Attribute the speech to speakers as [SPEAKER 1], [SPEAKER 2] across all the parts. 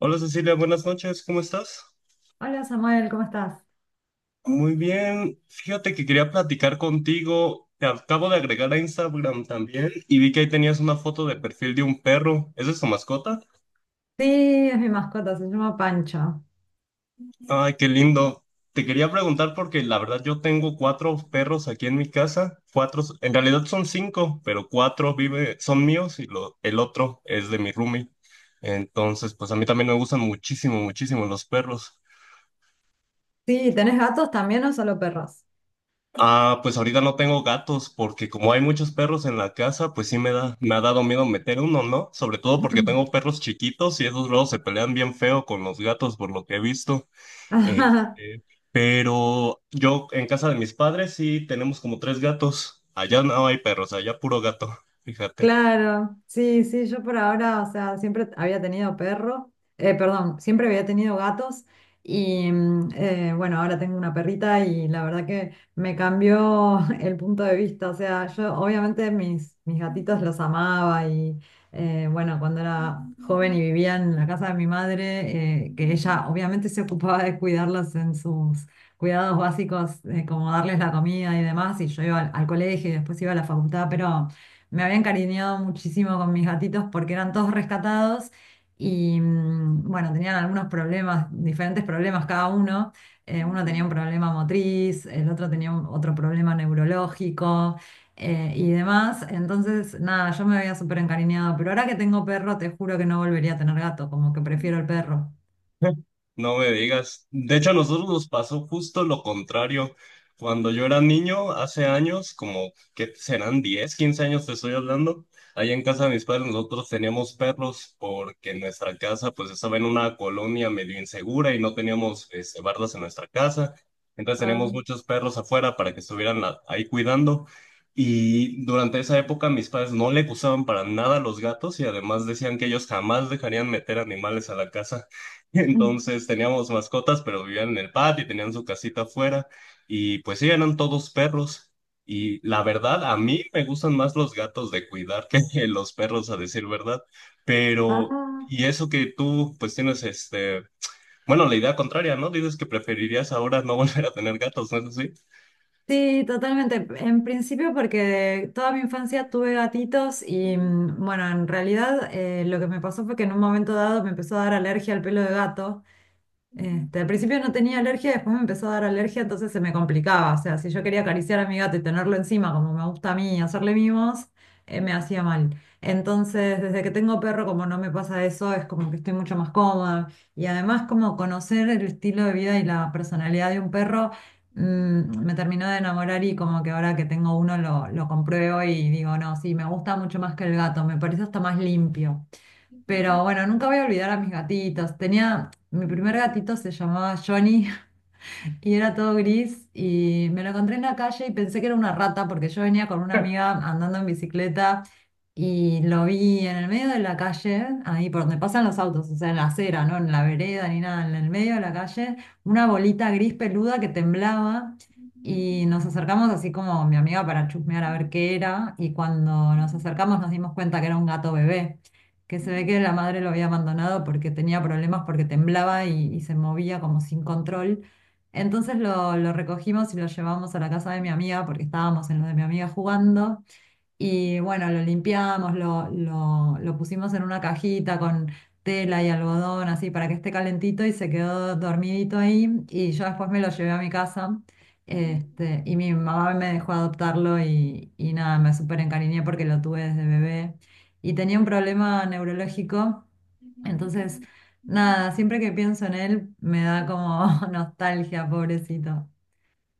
[SPEAKER 1] Hola Cecilia, buenas noches, ¿cómo estás?
[SPEAKER 2] Hola Samuel, ¿cómo estás?
[SPEAKER 1] Muy bien, fíjate que quería platicar contigo, te acabo de agregar a Instagram también y vi que ahí tenías una foto de perfil de un perro, ¿esa es tu mascota?
[SPEAKER 2] Sí, es mi mascota, se llama Pancha.
[SPEAKER 1] Ay, qué lindo. Te quería preguntar porque la verdad yo tengo cuatro perros aquí en mi casa, cuatro, en realidad son cinco, pero cuatro vive, son míos y el otro es de mi roomie. Entonces, pues a mí también me gustan muchísimo los perros.
[SPEAKER 2] Sí, ¿tenés gatos también o solo perros?
[SPEAKER 1] Ah, pues ahorita no tengo gatos porque como hay muchos perros en la casa, pues sí me ha dado miedo meter uno, ¿no? Sobre todo porque tengo perros chiquitos y esos luego se pelean bien feo con los gatos por lo que he visto. Este, pero yo en casa de mis padres sí tenemos como tres gatos. Allá no hay perros, allá puro gato, fíjate.
[SPEAKER 2] Claro, sí, sí, yo por ahora, o sea, siempre había tenido perro, perdón, siempre había tenido gatos y bueno, ahora tengo una perrita y la verdad que me cambió el punto de vista, o sea, yo obviamente mis gatitos los amaba y bueno, cuando era joven y vivía en la casa de mi madre, que ella obviamente se ocupaba de cuidarlos en sus cuidados básicos, como darles la comida y demás, y yo iba al colegio y después iba a la facultad, pero... Me había encariñado muchísimo con mis gatitos porque eran todos rescatados y bueno, tenían algunos problemas, diferentes problemas cada uno. Uno tenía un problema motriz, el otro tenía otro problema neurológico y demás. Entonces, nada, yo me había súper encariñado, pero ahora que tengo perro, te juro que no volvería a tener gato, como que prefiero el perro.
[SPEAKER 1] No me digas. De hecho, a nosotros nos pasó justo lo contrario. Cuando yo era niño, hace años, como que serán 10, 15 años te estoy hablando, allá en casa de mis padres nosotros teníamos perros porque en nuestra casa pues estaba en una colonia medio insegura y no teníamos bardas en nuestra casa. Entonces
[SPEAKER 2] Ah.
[SPEAKER 1] teníamos muchos perros afuera para que estuvieran ahí cuidando. Y durante esa época mis padres no le gustaban para nada los gatos y además decían que ellos jamás dejarían meter animales a la casa. Entonces teníamos mascotas, pero vivían en el patio y tenían su casita afuera. Y pues sí, eran todos perros. Y la verdad, a mí me gustan más los gatos de cuidar que los perros, a decir verdad. Pero,
[SPEAKER 2] Ah.
[SPEAKER 1] y eso que tú, pues tienes bueno, la idea contraria, ¿no? Dices que preferirías ahora no volver a tener gatos, ¿no es así?
[SPEAKER 2] Sí, totalmente. En principio porque toda mi infancia tuve gatitos y bueno, en realidad lo que me pasó fue que en un momento dado me empezó a dar alergia al pelo de gato. Este, al principio no tenía alergia, después me empezó a dar alergia, entonces se me complicaba. O sea, si yo quería acariciar a mi gato y tenerlo encima, como me gusta a mí, hacerle mimos, me hacía mal. Entonces, desde que tengo perro, como no me pasa eso, es como que estoy mucho más cómoda. Y además, como conocer el estilo de vida y la personalidad de un perro, me terminó de enamorar y como que ahora que tengo uno lo compruebo y digo, no, sí, me gusta mucho más que el gato, me parece hasta más limpio. Pero bueno, nunca voy a olvidar a mis gatitos. Tenía, mi primer gatito se llamaba Johnny y era todo gris y me lo encontré en la calle y pensé que era una rata porque yo venía con una amiga andando en bicicleta y lo vi en el medio de la calle, ahí por donde pasan los autos, o sea, en la acera, no en la vereda ni nada, en el medio de la calle, una bolita gris peluda que temblaba y nos acercamos así como mi amiga para chusmear a ver qué era y cuando nos acercamos nos dimos cuenta que era un gato bebé. Que se ve que la madre lo había abandonado porque tenía problemas, porque temblaba y se movía como sin control. Entonces lo recogimos y lo llevamos a la casa de mi amiga porque estábamos en lo de mi amiga jugando y bueno, lo limpiamos, lo pusimos en una cajita con tela y algodón, así para que esté calentito y se quedó dormidito ahí. Y yo después me lo llevé a mi casa. Este, y mi mamá me dejó adoptarlo y nada, me súper encariñé porque lo tuve desde bebé. Y tenía un problema neurológico. Entonces, nada, siempre que pienso en él me da como nostalgia, pobrecito.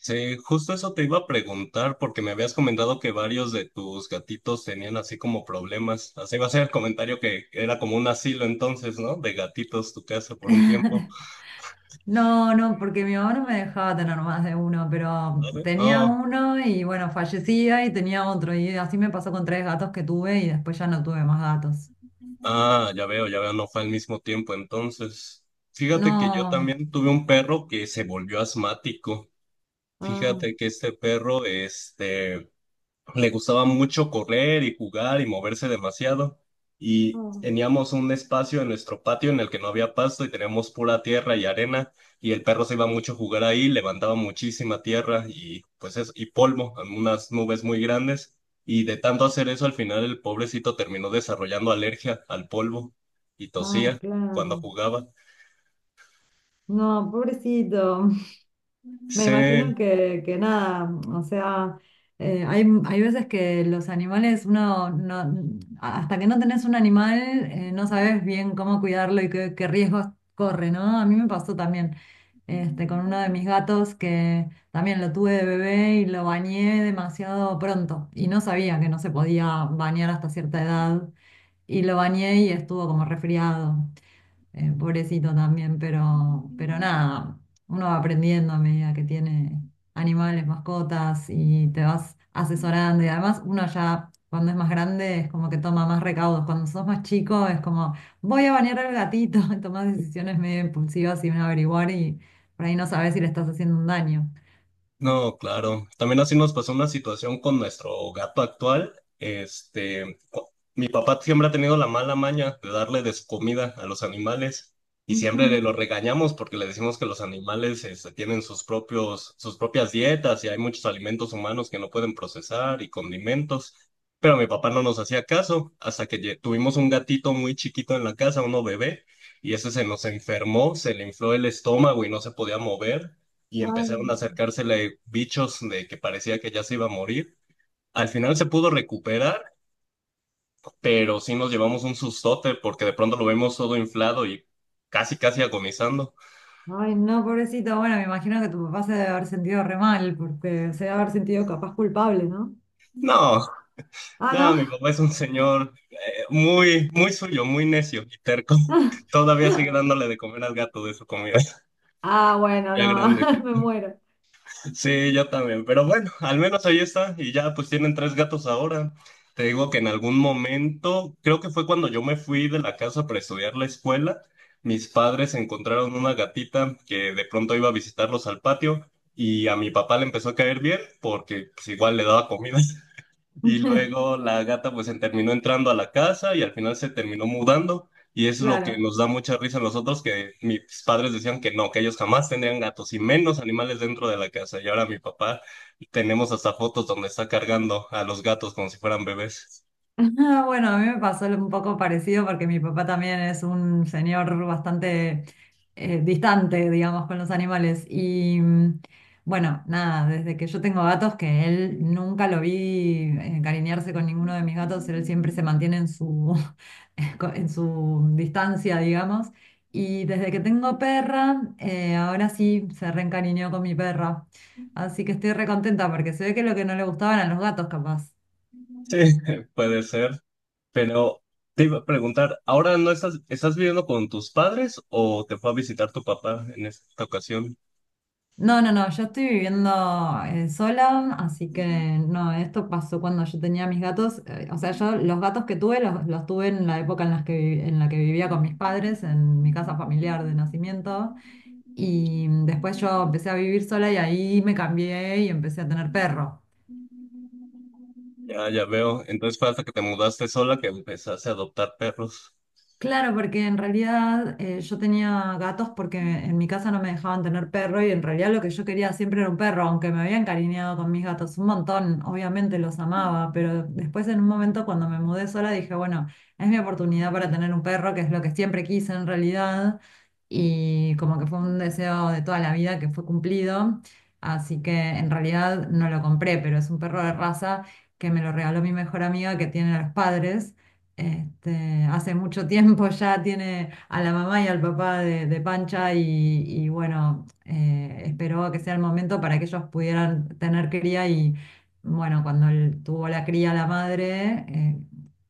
[SPEAKER 1] Sí, justo eso te iba a preguntar porque me habías comentado que varios de tus gatitos tenían así como problemas. Así va a ser el comentario que era como un asilo entonces, ¿no? De gatitos tu casa por un tiempo.
[SPEAKER 2] No, no, porque mi mamá no me dejaba tener más de uno, pero
[SPEAKER 1] ¿Sabe?
[SPEAKER 2] tenía
[SPEAKER 1] Oh,
[SPEAKER 2] uno y bueno, fallecía y tenía otro. Y así me pasó con tres gatos que tuve y después ya no tuve más gatos.
[SPEAKER 1] ah, ya veo, no fue al mismo tiempo entonces. Fíjate que yo
[SPEAKER 2] No.
[SPEAKER 1] también tuve un perro que se volvió asmático.
[SPEAKER 2] Ah,
[SPEAKER 1] Fíjate que este perro, le gustaba mucho correr y jugar y moverse demasiado. Y
[SPEAKER 2] ah,
[SPEAKER 1] teníamos un espacio en nuestro patio en el que no había pasto y teníamos pura tierra y arena. Y el perro se iba mucho a jugar ahí, levantaba muchísima tierra y y polvo, unas nubes muy grandes. Y de tanto hacer eso, al final el pobrecito terminó desarrollando alergia al polvo y
[SPEAKER 2] ah,
[SPEAKER 1] tosía cuando
[SPEAKER 2] claro.
[SPEAKER 1] jugaba.
[SPEAKER 2] No, pobrecito. Me
[SPEAKER 1] Sí,
[SPEAKER 2] imagino que nada, o sea, hay, hay veces que los animales, uno, no, hasta que no tenés un animal, no sabes bien cómo cuidarlo qué riesgos corre, ¿no? A mí me pasó también, este, con uno de mis gatos que también lo tuve de bebé y lo bañé demasiado pronto y no sabía que no se podía bañar hasta cierta edad y lo bañé y estuvo como resfriado pobrecito también, pero nada, uno va aprendiendo a medida que tiene animales, mascotas y te vas asesorando. Y además uno ya cuando es más grande es como que toma más recaudos. Cuando sos más chico es como, voy a bañar al gatito, y tomás decisiones medio impulsivas sin averiguar y por ahí no sabes si le estás haciendo un daño.
[SPEAKER 1] no, claro. También así nos pasó una situación con nuestro gato actual. Mi papá siempre ha tenido la mala maña de darle de su comida a los animales y siempre le
[SPEAKER 2] Ujú.
[SPEAKER 1] lo regañamos porque le decimos que los animales tienen sus propias dietas y hay muchos alimentos humanos que no pueden procesar y condimentos. Pero mi papá no nos hacía caso hasta que tuvimos un gatito muy chiquito en la casa, uno bebé, y ese se nos enfermó, se le infló el estómago y no se podía mover y empezaron a
[SPEAKER 2] Ay,
[SPEAKER 1] acercársele bichos de que parecía que ya se iba a morir. Al final se pudo recuperar, pero sí nos llevamos un sustote porque de pronto lo vemos todo inflado y casi agonizando.
[SPEAKER 2] ay, no, pobrecito. Bueno, me imagino que tu papá se debe haber sentido re mal, porque se debe haber sentido capaz culpable, ¿no?
[SPEAKER 1] No, no, mi
[SPEAKER 2] Ah,
[SPEAKER 1] papá es un señor muy, muy suyo, muy necio y terco.
[SPEAKER 2] no.
[SPEAKER 1] Todavía sigue dándole de comer al gato de su comida,
[SPEAKER 2] Ah, bueno,
[SPEAKER 1] ya
[SPEAKER 2] no,
[SPEAKER 1] grande.
[SPEAKER 2] me muero.
[SPEAKER 1] Sí, yo también. Pero bueno, al menos ahí está. Y ya pues tienen tres gatos ahora. Te digo que en algún momento, creo que fue cuando yo me fui de la casa para estudiar la escuela, mis padres encontraron una gatita que de pronto iba a visitarlos al patio y a mi papá le empezó a caer bien porque pues igual le daba comida. Y luego la gata pues se terminó entrando a la casa y al final se terminó mudando. Y es lo que
[SPEAKER 2] Claro.
[SPEAKER 1] nos da mucha risa a nosotros, que mis padres decían que no, que ellos jamás tendrían gatos y menos animales dentro de la casa. Y ahora mi papá tenemos hasta fotos donde está cargando a los gatos como si fueran bebés.
[SPEAKER 2] Ah, bueno, a mí me pasó un poco parecido porque mi papá también es un señor bastante distante, digamos, con los animales. Y bueno, nada, desde que yo tengo gatos, que él nunca lo vi encariñarse con ninguno de mis gatos, él siempre se mantiene en su, en su distancia, digamos. Y desde que tengo perra, ahora sí se reencariñó con mi perra. Así que estoy recontenta porque se ve que lo que no le gustaban a los gatos, capaz.
[SPEAKER 1] Sí, puede ser. Pero te iba a preguntar, ¿ahora no estás viviendo con tus padres o te fue a visitar tu papá en esta ocasión?
[SPEAKER 2] No, no, no, yo estoy viviendo sola, así que no, esto pasó cuando yo tenía mis gatos, o sea, yo los gatos que tuve los tuve en la época en las en la que vivía con mis padres, en mi casa familiar de nacimiento, y después yo empecé a vivir sola y ahí me cambié y empecé a tener perros.
[SPEAKER 1] Ya, ya veo. Entonces fue hasta que te mudaste sola que empezaste a adoptar perros.
[SPEAKER 2] Claro, porque en realidad yo tenía gatos porque en mi casa no me dejaban tener perro y en realidad lo que yo quería siempre era un perro, aunque me había encariñado con mis gatos un montón, obviamente los amaba, pero después en un momento cuando me mudé sola dije, bueno, es mi oportunidad para tener un perro, que es lo que siempre quise en realidad, y como que fue un deseo de toda la vida que fue cumplido, así que en realidad no lo compré, pero es un perro de raza que me lo regaló mi mejor amiga que tiene a los padres. Este, hace mucho tiempo ya tiene a la mamá y al papá de Pancha y bueno, esperó a que sea el momento para que ellos pudieran tener cría y bueno, cuando él tuvo la cría la madre,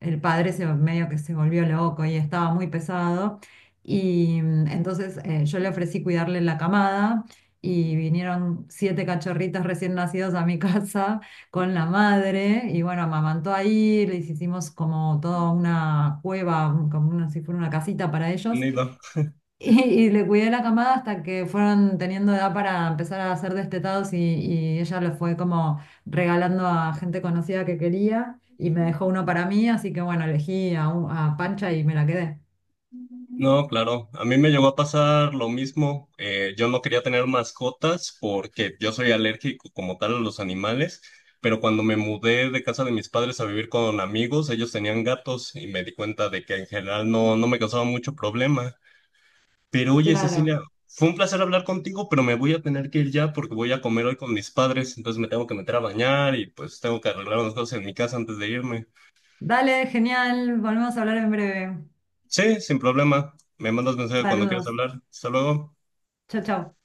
[SPEAKER 2] el padre medio que se volvió loco y estaba muy pesado y entonces yo le ofrecí cuidarle la camada y vinieron siete cachorritos recién nacidos a mi casa con la madre y bueno, amamantó ahí, les hicimos como toda una cueva, como una, si fuera una casita para ellos
[SPEAKER 1] Nido.
[SPEAKER 2] y le cuidé la camada hasta que fueron teniendo edad para empezar a ser destetados y ella lo fue como regalando a gente conocida que quería y me dejó uno para mí, así que bueno, elegí a Pancha y me la quedé.
[SPEAKER 1] No, claro. A mí me llegó a pasar lo mismo. Yo no quería tener mascotas porque yo soy alérgico como tal a los animales, pero cuando me mudé de casa de mis padres a vivir con amigos, ellos tenían gatos y me di cuenta de que en general no me causaba mucho problema. Pero oye,
[SPEAKER 2] Claro.
[SPEAKER 1] Cecilia, fue un placer hablar contigo, pero me voy a tener que ir ya porque voy a comer hoy con mis padres, entonces me tengo que meter a bañar y pues tengo que arreglar unas cosas en mi casa antes de irme.
[SPEAKER 2] Dale, genial, volvemos a hablar en breve.
[SPEAKER 1] Sí, sin problema. Me mandas mensaje cuando quieras
[SPEAKER 2] Saludos.
[SPEAKER 1] hablar. Hasta luego.
[SPEAKER 2] Chao, chao.